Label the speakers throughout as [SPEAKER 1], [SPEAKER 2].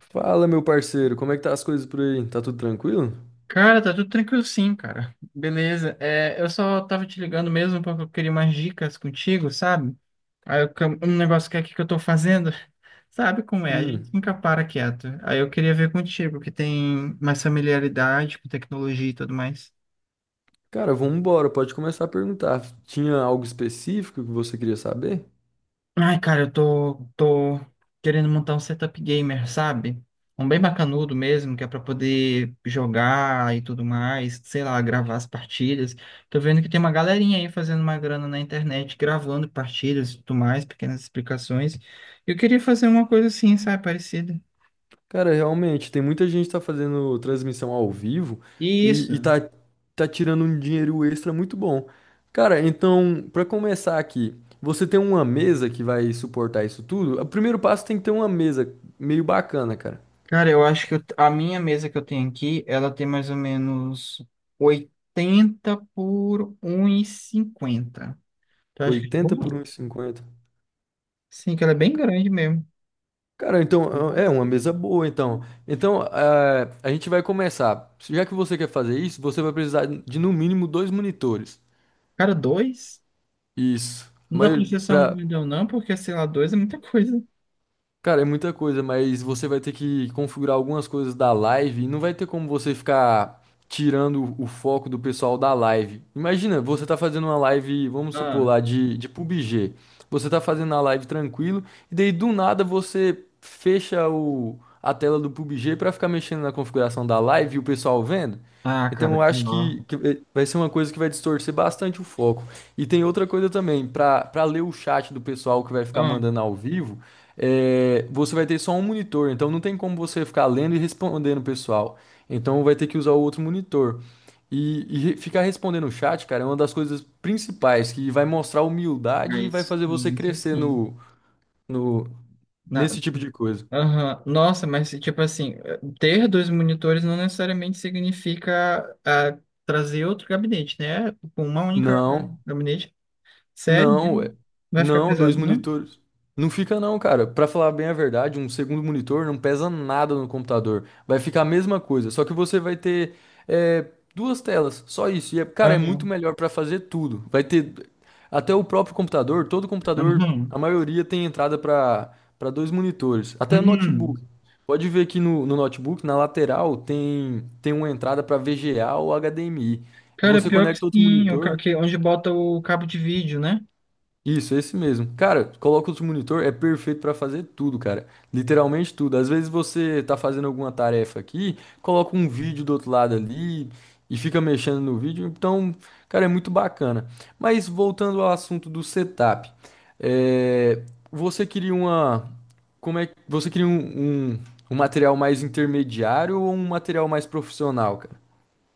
[SPEAKER 1] Fala, meu parceiro, como é que tá as coisas por aí? Tá tudo tranquilo?
[SPEAKER 2] Cara, tá tudo tranquilo sim, cara. Beleza. É, eu só tava te ligando mesmo porque eu queria umas dicas contigo, sabe? Um negócio que é aqui que eu tô fazendo, sabe como é? A gente
[SPEAKER 1] Hum,
[SPEAKER 2] nunca para quieto. Aí eu queria ver contigo, que tem mais familiaridade com tecnologia e tudo mais.
[SPEAKER 1] cara, vamos embora, pode começar a perguntar. Tinha algo específico que você queria saber?
[SPEAKER 2] Ai, cara, eu tô querendo montar um setup gamer, sabe? Um bem bacanudo mesmo, que é pra poder jogar e tudo mais, sei lá, gravar as partidas. Tô vendo que tem uma galerinha aí fazendo uma grana na internet, gravando partidas e tudo mais, pequenas explicações. Eu queria fazer uma coisa assim, sabe, parecida.
[SPEAKER 1] Cara, realmente, tem muita gente que tá fazendo transmissão ao vivo
[SPEAKER 2] E isso.
[SPEAKER 1] e tá tirando um dinheiro extra muito bom. Cara, então, pra começar aqui, você tem uma mesa que vai suportar isso tudo? O primeiro passo tem que ter uma mesa meio bacana, cara.
[SPEAKER 2] Cara, eu acho que eu- a minha mesa que eu tenho aqui, ela tem mais ou menos 80 por um e cinquenta. Tu acha que é
[SPEAKER 1] 80 por
[SPEAKER 2] bom?
[SPEAKER 1] um e cinquenta.
[SPEAKER 2] Sim, que ela é bem grande mesmo.
[SPEAKER 1] Cara, então é uma
[SPEAKER 2] Nossa.
[SPEAKER 1] mesa boa, então. Então, a gente vai começar. Já que você quer fazer isso, você vai precisar de no mínimo dois monitores.
[SPEAKER 2] Cara, dois?
[SPEAKER 1] Isso.
[SPEAKER 2] Não dá
[SPEAKER 1] Mas
[SPEAKER 2] pra ser só um grandão, não, porque, sei lá, dois é muita coisa.
[SPEAKER 1] cara, é muita coisa, mas você vai ter que configurar algumas coisas da live e não vai ter como você ficar tirando o foco do pessoal da live. Imagina, você tá fazendo uma live, vamos supor
[SPEAKER 2] Ah,
[SPEAKER 1] lá, de PUBG. Você tá fazendo a live tranquilo e daí do nada você fecha a tela do PUBG pra ficar mexendo na configuração da live e o pessoal vendo.
[SPEAKER 2] ah,
[SPEAKER 1] Então
[SPEAKER 2] cara,
[SPEAKER 1] eu acho
[SPEAKER 2] pior.
[SPEAKER 1] que vai ser uma coisa que vai distorcer bastante o foco. E tem outra coisa também, pra para ler o chat do pessoal que vai ficar
[SPEAKER 2] Ah,
[SPEAKER 1] mandando ao vivo é, você vai ter só um monitor, então não tem como você ficar lendo e respondendo o pessoal. Então vai ter que usar o outro monitor. E re- ficar respondendo o chat, cara, é uma das coisas principais que vai mostrar humildade
[SPEAKER 2] é
[SPEAKER 1] e vai
[SPEAKER 2] isso,
[SPEAKER 1] fazer você
[SPEAKER 2] sim, isso
[SPEAKER 1] crescer
[SPEAKER 2] sim.
[SPEAKER 1] no, no,
[SPEAKER 2] Na...
[SPEAKER 1] nesse tipo de coisa.
[SPEAKER 2] Aham. Nossa, mas, tipo assim, ter dois monitores não necessariamente significa trazer outro gabinete, né? Com uma única
[SPEAKER 1] Não.
[SPEAKER 2] gabinete. Sério
[SPEAKER 1] Não,
[SPEAKER 2] mesmo?
[SPEAKER 1] ué.
[SPEAKER 2] Vai ficar
[SPEAKER 1] Não, dois
[SPEAKER 2] pesado, não?
[SPEAKER 1] monitores. Não fica não, cara. Pra falar bem a verdade, um segundo monitor não pesa nada no computador. Vai ficar a mesma coisa, só que você vai ter é, duas telas, só isso. E, é- cara,
[SPEAKER 2] Ah,
[SPEAKER 1] é muito melhor pra fazer tudo. Vai ter até o próprio computador, todo computador, a
[SPEAKER 2] uhum,
[SPEAKER 1] maioria tem entrada pra para dois monitores, até notebook.
[SPEAKER 2] uhum.
[SPEAKER 1] Pode ver que no notebook, na lateral, tem uma entrada pra VGA ou HDMI.
[SPEAKER 2] Cara,
[SPEAKER 1] Você
[SPEAKER 2] pior que
[SPEAKER 1] conecta outro
[SPEAKER 2] sim,
[SPEAKER 1] monitor.
[SPEAKER 2] onde bota o cabo de vídeo, né?
[SPEAKER 1] Isso, é esse mesmo. Cara, coloca outro monitor, é perfeito pra fazer tudo, cara. Literalmente tudo. Às vezes você tá fazendo alguma tarefa aqui, coloca um vídeo do outro lado ali e fica mexendo no vídeo. Então, cara, é muito bacana. Mas voltando ao assunto do setup, é, você queria uma, como é, que- você queria um material mais intermediário ou um material mais profissional, cara?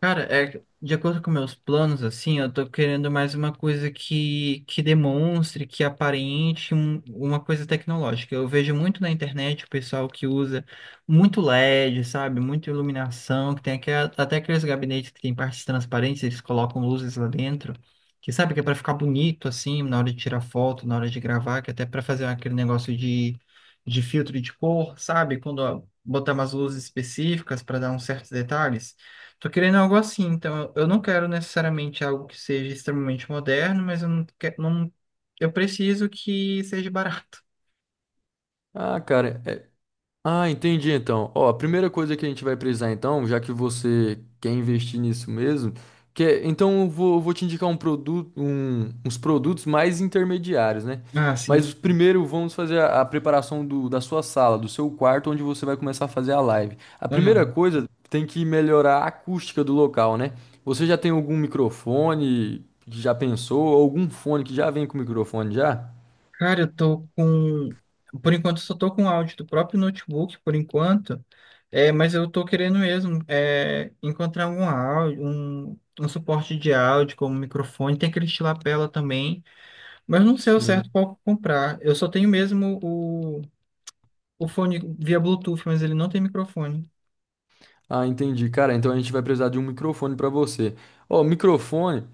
[SPEAKER 2] Cara, é, que, de acordo com meus planos, assim, eu tô querendo mais uma coisa que demonstre, uma coisa tecnológica. Eu vejo muito na internet o pessoal que usa muito LED, sabe? Muita iluminação, até aqueles gabinetes que tem partes transparentes, eles colocam luzes lá dentro, que sabe que é pra ficar bonito, assim, na hora de tirar foto, na hora de gravar, que é até pra fazer aquele negócio de filtro de cor, sabe? Quando ó, botar umas luzes específicas pra dar uns certos detalhes. Tô querendo algo assim, então eu não quero necessariamente algo que seja extremamente moderno, mas eu não quero, não, eu preciso que seja barato.
[SPEAKER 1] Ah, cara. É, Ah, entendi então. Ó, a primeira coisa que a gente vai precisar então, já que você quer investir nisso mesmo, que é- então eu vou te indicar um produto, um- uns produtos mais intermediários, né?
[SPEAKER 2] Ah, sim.
[SPEAKER 1] Mas primeiro vamos fazer a preparação do- da sua sala, do seu quarto, onde você vai começar a fazer a live. A primeira
[SPEAKER 2] Ah,
[SPEAKER 1] coisa tem que melhorar a acústica do local, né? Você já tem algum microfone que já pensou, algum fone que já vem com microfone já?
[SPEAKER 2] cara, por enquanto eu só tô com o áudio do próprio notebook, por enquanto, é, mas eu tô querendo mesmo é, encontrar algum áudio, um suporte de áudio como um microfone, tem aquele de lapela também, mas eu não sei ao certo
[SPEAKER 1] Sim.
[SPEAKER 2] qual comprar. Eu só tenho mesmo o fone via Bluetooth, mas ele não tem microfone.
[SPEAKER 1] Ah, entendi. Cara, então a gente vai precisar de um microfone para você. Ó, microfone,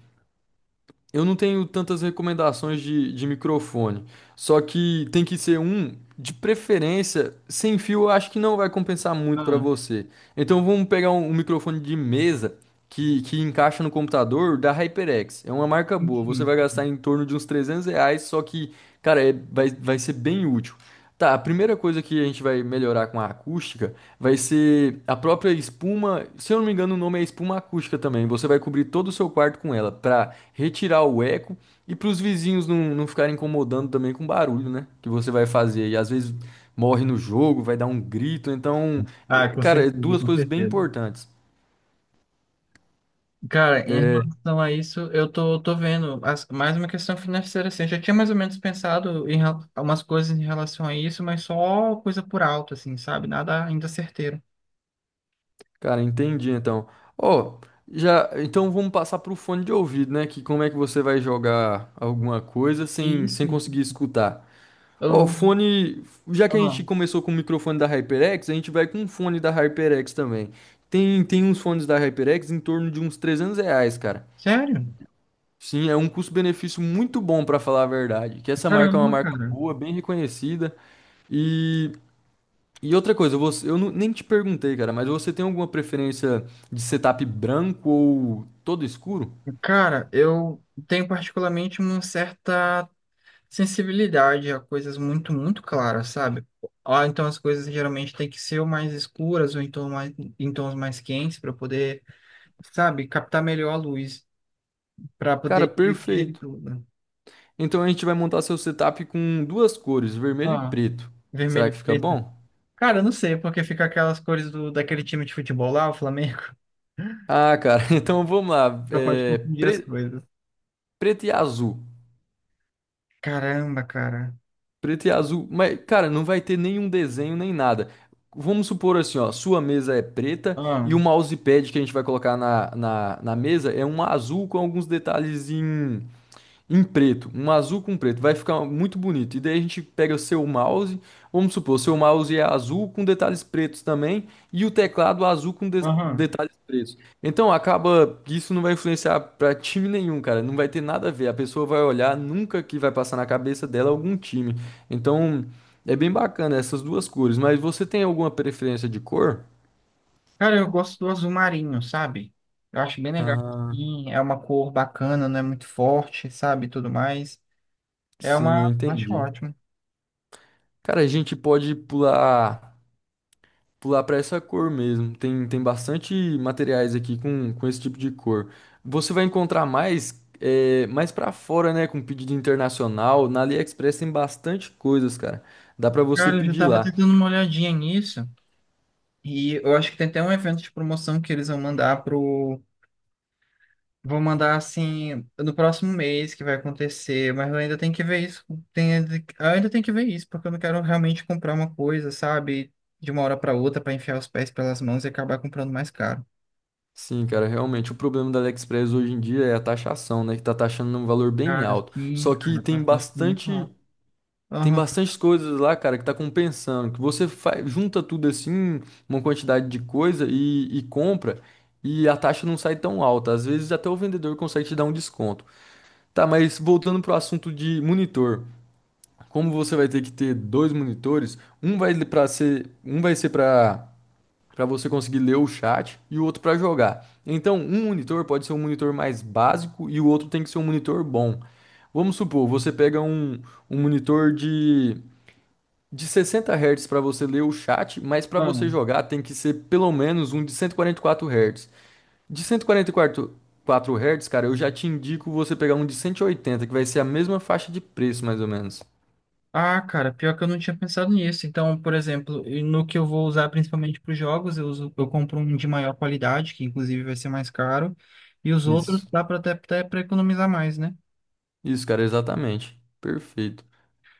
[SPEAKER 1] eu não tenho tantas recomendações de microfone. Só que tem que ser um, de preferência, sem fio, eu acho que não vai compensar muito para
[SPEAKER 2] Ah.
[SPEAKER 1] você. Então vamos pegar um microfone de mesa que encaixa no computador da HyperX. É uma marca boa. Você
[SPEAKER 2] Enfim.
[SPEAKER 1] vai gastar em torno de uns R$ 300, só que, cara, é- vai ser bem útil. Tá, a primeira coisa que a gente vai melhorar com a acústica. Vai ser a própria espuma, se eu não me engano, o nome é espuma acústica também. Você vai cobrir todo o seu quarto com ela para retirar o eco e para os vizinhos não ficarem incomodando também com o barulho, né? Que você vai fazer. E às vezes morre no jogo, vai dar um grito. Então,
[SPEAKER 2] Ah, com
[SPEAKER 1] cara, é
[SPEAKER 2] certeza,
[SPEAKER 1] duas
[SPEAKER 2] com
[SPEAKER 1] coisas bem
[SPEAKER 2] certeza.
[SPEAKER 1] importantes.
[SPEAKER 2] Cara, em
[SPEAKER 1] É,
[SPEAKER 2] relação a isso, eu tô vendo mais uma questão financeira, assim. Eu já tinha mais ou menos pensado umas coisas em relação a isso, mas só coisa por alto, assim, sabe? Nada ainda certeiro.
[SPEAKER 1] cara, entendi então. Ó, já, então vamos passar pro fone de ouvido, né? Que como é que você vai jogar alguma coisa
[SPEAKER 2] Isso,
[SPEAKER 1] sem
[SPEAKER 2] isso.
[SPEAKER 1] conseguir escutar? Ó,
[SPEAKER 2] Eu-
[SPEAKER 1] fone. Já que a gente
[SPEAKER 2] ah,
[SPEAKER 1] começou com o microfone da HyperX, a gente vai com um fone da HyperX também. Tem uns fones da HyperX em torno de uns 300 reais, cara.
[SPEAKER 2] sério?
[SPEAKER 1] Sim, é um custo-benefício muito bom, pra falar a verdade. Que essa marca é uma
[SPEAKER 2] Caramba,
[SPEAKER 1] marca
[SPEAKER 2] cara.
[SPEAKER 1] boa, bem reconhecida. E, e outra coisa, você, eu não- nem te perguntei, cara, mas você tem alguma preferência de setup branco ou todo escuro?
[SPEAKER 2] Cara, eu tenho particularmente uma certa sensibilidade a coisas muito, muito claras, sabe? Ah, então as coisas geralmente têm que ser ou mais escuras ou em tons mais quentes para poder, sabe, captar melhor a luz, para
[SPEAKER 1] Cara,
[SPEAKER 2] poder digerir
[SPEAKER 1] perfeito.
[SPEAKER 2] tudo.
[SPEAKER 1] Então a gente vai montar seu setup com duas cores, vermelho e
[SPEAKER 2] Ah,
[SPEAKER 1] preto.
[SPEAKER 2] vermelho
[SPEAKER 1] Será
[SPEAKER 2] e
[SPEAKER 1] que fica
[SPEAKER 2] preto.
[SPEAKER 1] bom?
[SPEAKER 2] Cara, eu não sei, porque fica aquelas cores do, daquele time de futebol lá, o Flamengo.
[SPEAKER 1] Ah, cara, então vamos lá.
[SPEAKER 2] Só pode
[SPEAKER 1] É,
[SPEAKER 2] confundir as
[SPEAKER 1] pre-
[SPEAKER 2] coisas.
[SPEAKER 1] preto e azul.
[SPEAKER 2] Caramba, cara.
[SPEAKER 1] Preto e azul. Mas, cara, não vai ter nenhum desenho nem nada. Vamos supor assim, ó, sua mesa é preta
[SPEAKER 2] Ah,
[SPEAKER 1] e o mousepad que a gente vai colocar na mesa é um azul com alguns detalhes em preto, um azul com preto, vai ficar muito bonito. E daí a gente pega o seu mouse, vamos supor, o seu mouse é azul com detalhes pretos também, e o teclado azul com de-
[SPEAKER 2] aham.
[SPEAKER 1] detalhes pretos. Então acaba que isso não vai influenciar para time nenhum, cara, não vai ter nada a ver. A pessoa vai olhar, nunca que vai passar na cabeça dela algum time. Então é bem bacana essas duas cores, mas você tem alguma preferência de cor?
[SPEAKER 2] Cara, eu gosto do azul marinho, sabe? Eu acho bem legal.
[SPEAKER 1] Ah,
[SPEAKER 2] Sim, é uma cor bacana, não é muito forte, sabe? Tudo mais. É
[SPEAKER 1] sim, eu
[SPEAKER 2] uma. Acho
[SPEAKER 1] entendi.
[SPEAKER 2] ótimo.
[SPEAKER 1] Cara, a gente pode pular. Pular para essa cor mesmo. Tem bastante materiais aqui com esse tipo de cor. Você vai encontrar mais é, mais para fora, né, com pedido internacional. Na AliExpress tem bastante coisas, cara. Dá para você
[SPEAKER 2] Cara, eu já
[SPEAKER 1] pedir
[SPEAKER 2] tava até
[SPEAKER 1] lá.
[SPEAKER 2] dando uma olhadinha nisso. E eu acho que tem até um evento de promoção que eles vão mandar pro. Vão mandar assim no próximo mês que vai acontecer, mas eu ainda tenho que ver isso. Tem, eu ainda tenho que ver isso, porque eu não quero realmente comprar uma coisa, sabe? De uma hora para outra para enfiar os pés pelas mãos e acabar comprando mais caro.
[SPEAKER 1] Sim, cara, realmente o problema da AliExpress hoje em dia é a taxação, né, que tá taxando um valor bem
[SPEAKER 2] Cara,
[SPEAKER 1] alto.
[SPEAKER 2] sim,
[SPEAKER 1] Só que
[SPEAKER 2] cara, tá,
[SPEAKER 1] tem
[SPEAKER 2] tá, tipo, muito caro.
[SPEAKER 1] bastante tem
[SPEAKER 2] Aham.
[SPEAKER 1] bastante coisas lá, cara, que tá compensando. Que você fa- junta tudo assim, uma quantidade de coisa e compra, e a taxa não sai tão alta. Às vezes até o vendedor consegue te dar um desconto. Tá, mas voltando pro assunto de monitor. Como você vai ter que ter dois monitores, um vai ser para você conseguir ler o chat e o outro para jogar. Então, um monitor pode ser um monitor mais básico e o outro tem que ser um monitor bom. Vamos supor, você pega um monitor de 60 Hz para você ler o chat, mas para você
[SPEAKER 2] Vamos.
[SPEAKER 1] jogar tem que ser pelo menos um de cento e quarenta e quatro Hz. De 144 Hz, cara, eu já te indico você pegar um de 180 que vai ser a mesma faixa de preço, mais ou menos.
[SPEAKER 2] Ah, cara, pior que eu não tinha pensado nisso. Então, por exemplo, e no que eu vou usar principalmente para os jogos, eu compro um de maior qualidade, que inclusive vai ser mais caro, e os outros
[SPEAKER 1] Isso.
[SPEAKER 2] dá para até para economizar mais, né?
[SPEAKER 1] Isso, cara, exatamente. Perfeito.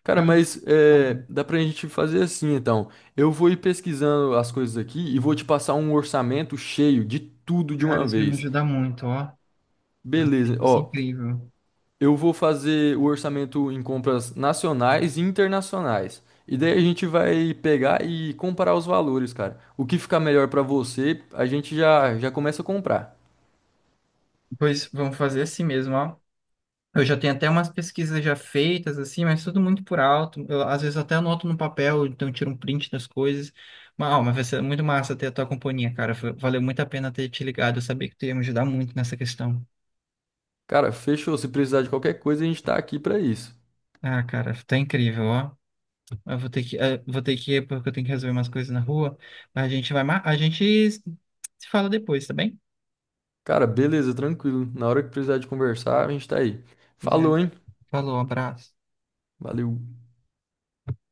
[SPEAKER 1] Cara,
[SPEAKER 2] Cara,
[SPEAKER 1] mas
[SPEAKER 2] tá bom.
[SPEAKER 1] é, dá pra gente fazer assim, então. Eu vou ir pesquisando as coisas aqui e vou te passar um orçamento cheio de tudo de
[SPEAKER 2] Cara,
[SPEAKER 1] uma
[SPEAKER 2] isso vai me
[SPEAKER 1] vez.
[SPEAKER 2] ajudar muito, ó.
[SPEAKER 1] Beleza.
[SPEAKER 2] Vai ser
[SPEAKER 1] Ó,
[SPEAKER 2] incrível.
[SPEAKER 1] eu vou fazer o orçamento em compras nacionais e internacionais. E daí a gente vai pegar e comparar os valores, cara. O que ficar melhor pra você, a gente já começa a comprar.
[SPEAKER 2] Pois vamos fazer assim mesmo, ó. Eu já tenho até umas pesquisas já feitas, assim, mas tudo muito por alto. Eu, às vezes até anoto no papel, então eu tiro um print das coisas. Mas, ó, mas vai ser muito massa ter a tua companhia, cara. Foi- Valeu muito a pena ter te ligado. Eu sabia que tu ia me ajudar muito nessa questão.
[SPEAKER 1] Cara, fechou. Se precisar de qualquer coisa, a gente tá aqui pra isso.
[SPEAKER 2] Ah, cara, tá incrível, ó. Eu vou ter que, vou ter que ir porque eu tenho que resolver umas coisas na rua. Mas a gente se fala depois, tá bem?
[SPEAKER 1] Cara, beleza, tranquilo. Na hora que precisar de conversar, a gente tá aí.
[SPEAKER 2] Pois é.
[SPEAKER 1] Falou, hein?
[SPEAKER 2] Falou, abraço.
[SPEAKER 1] Valeu.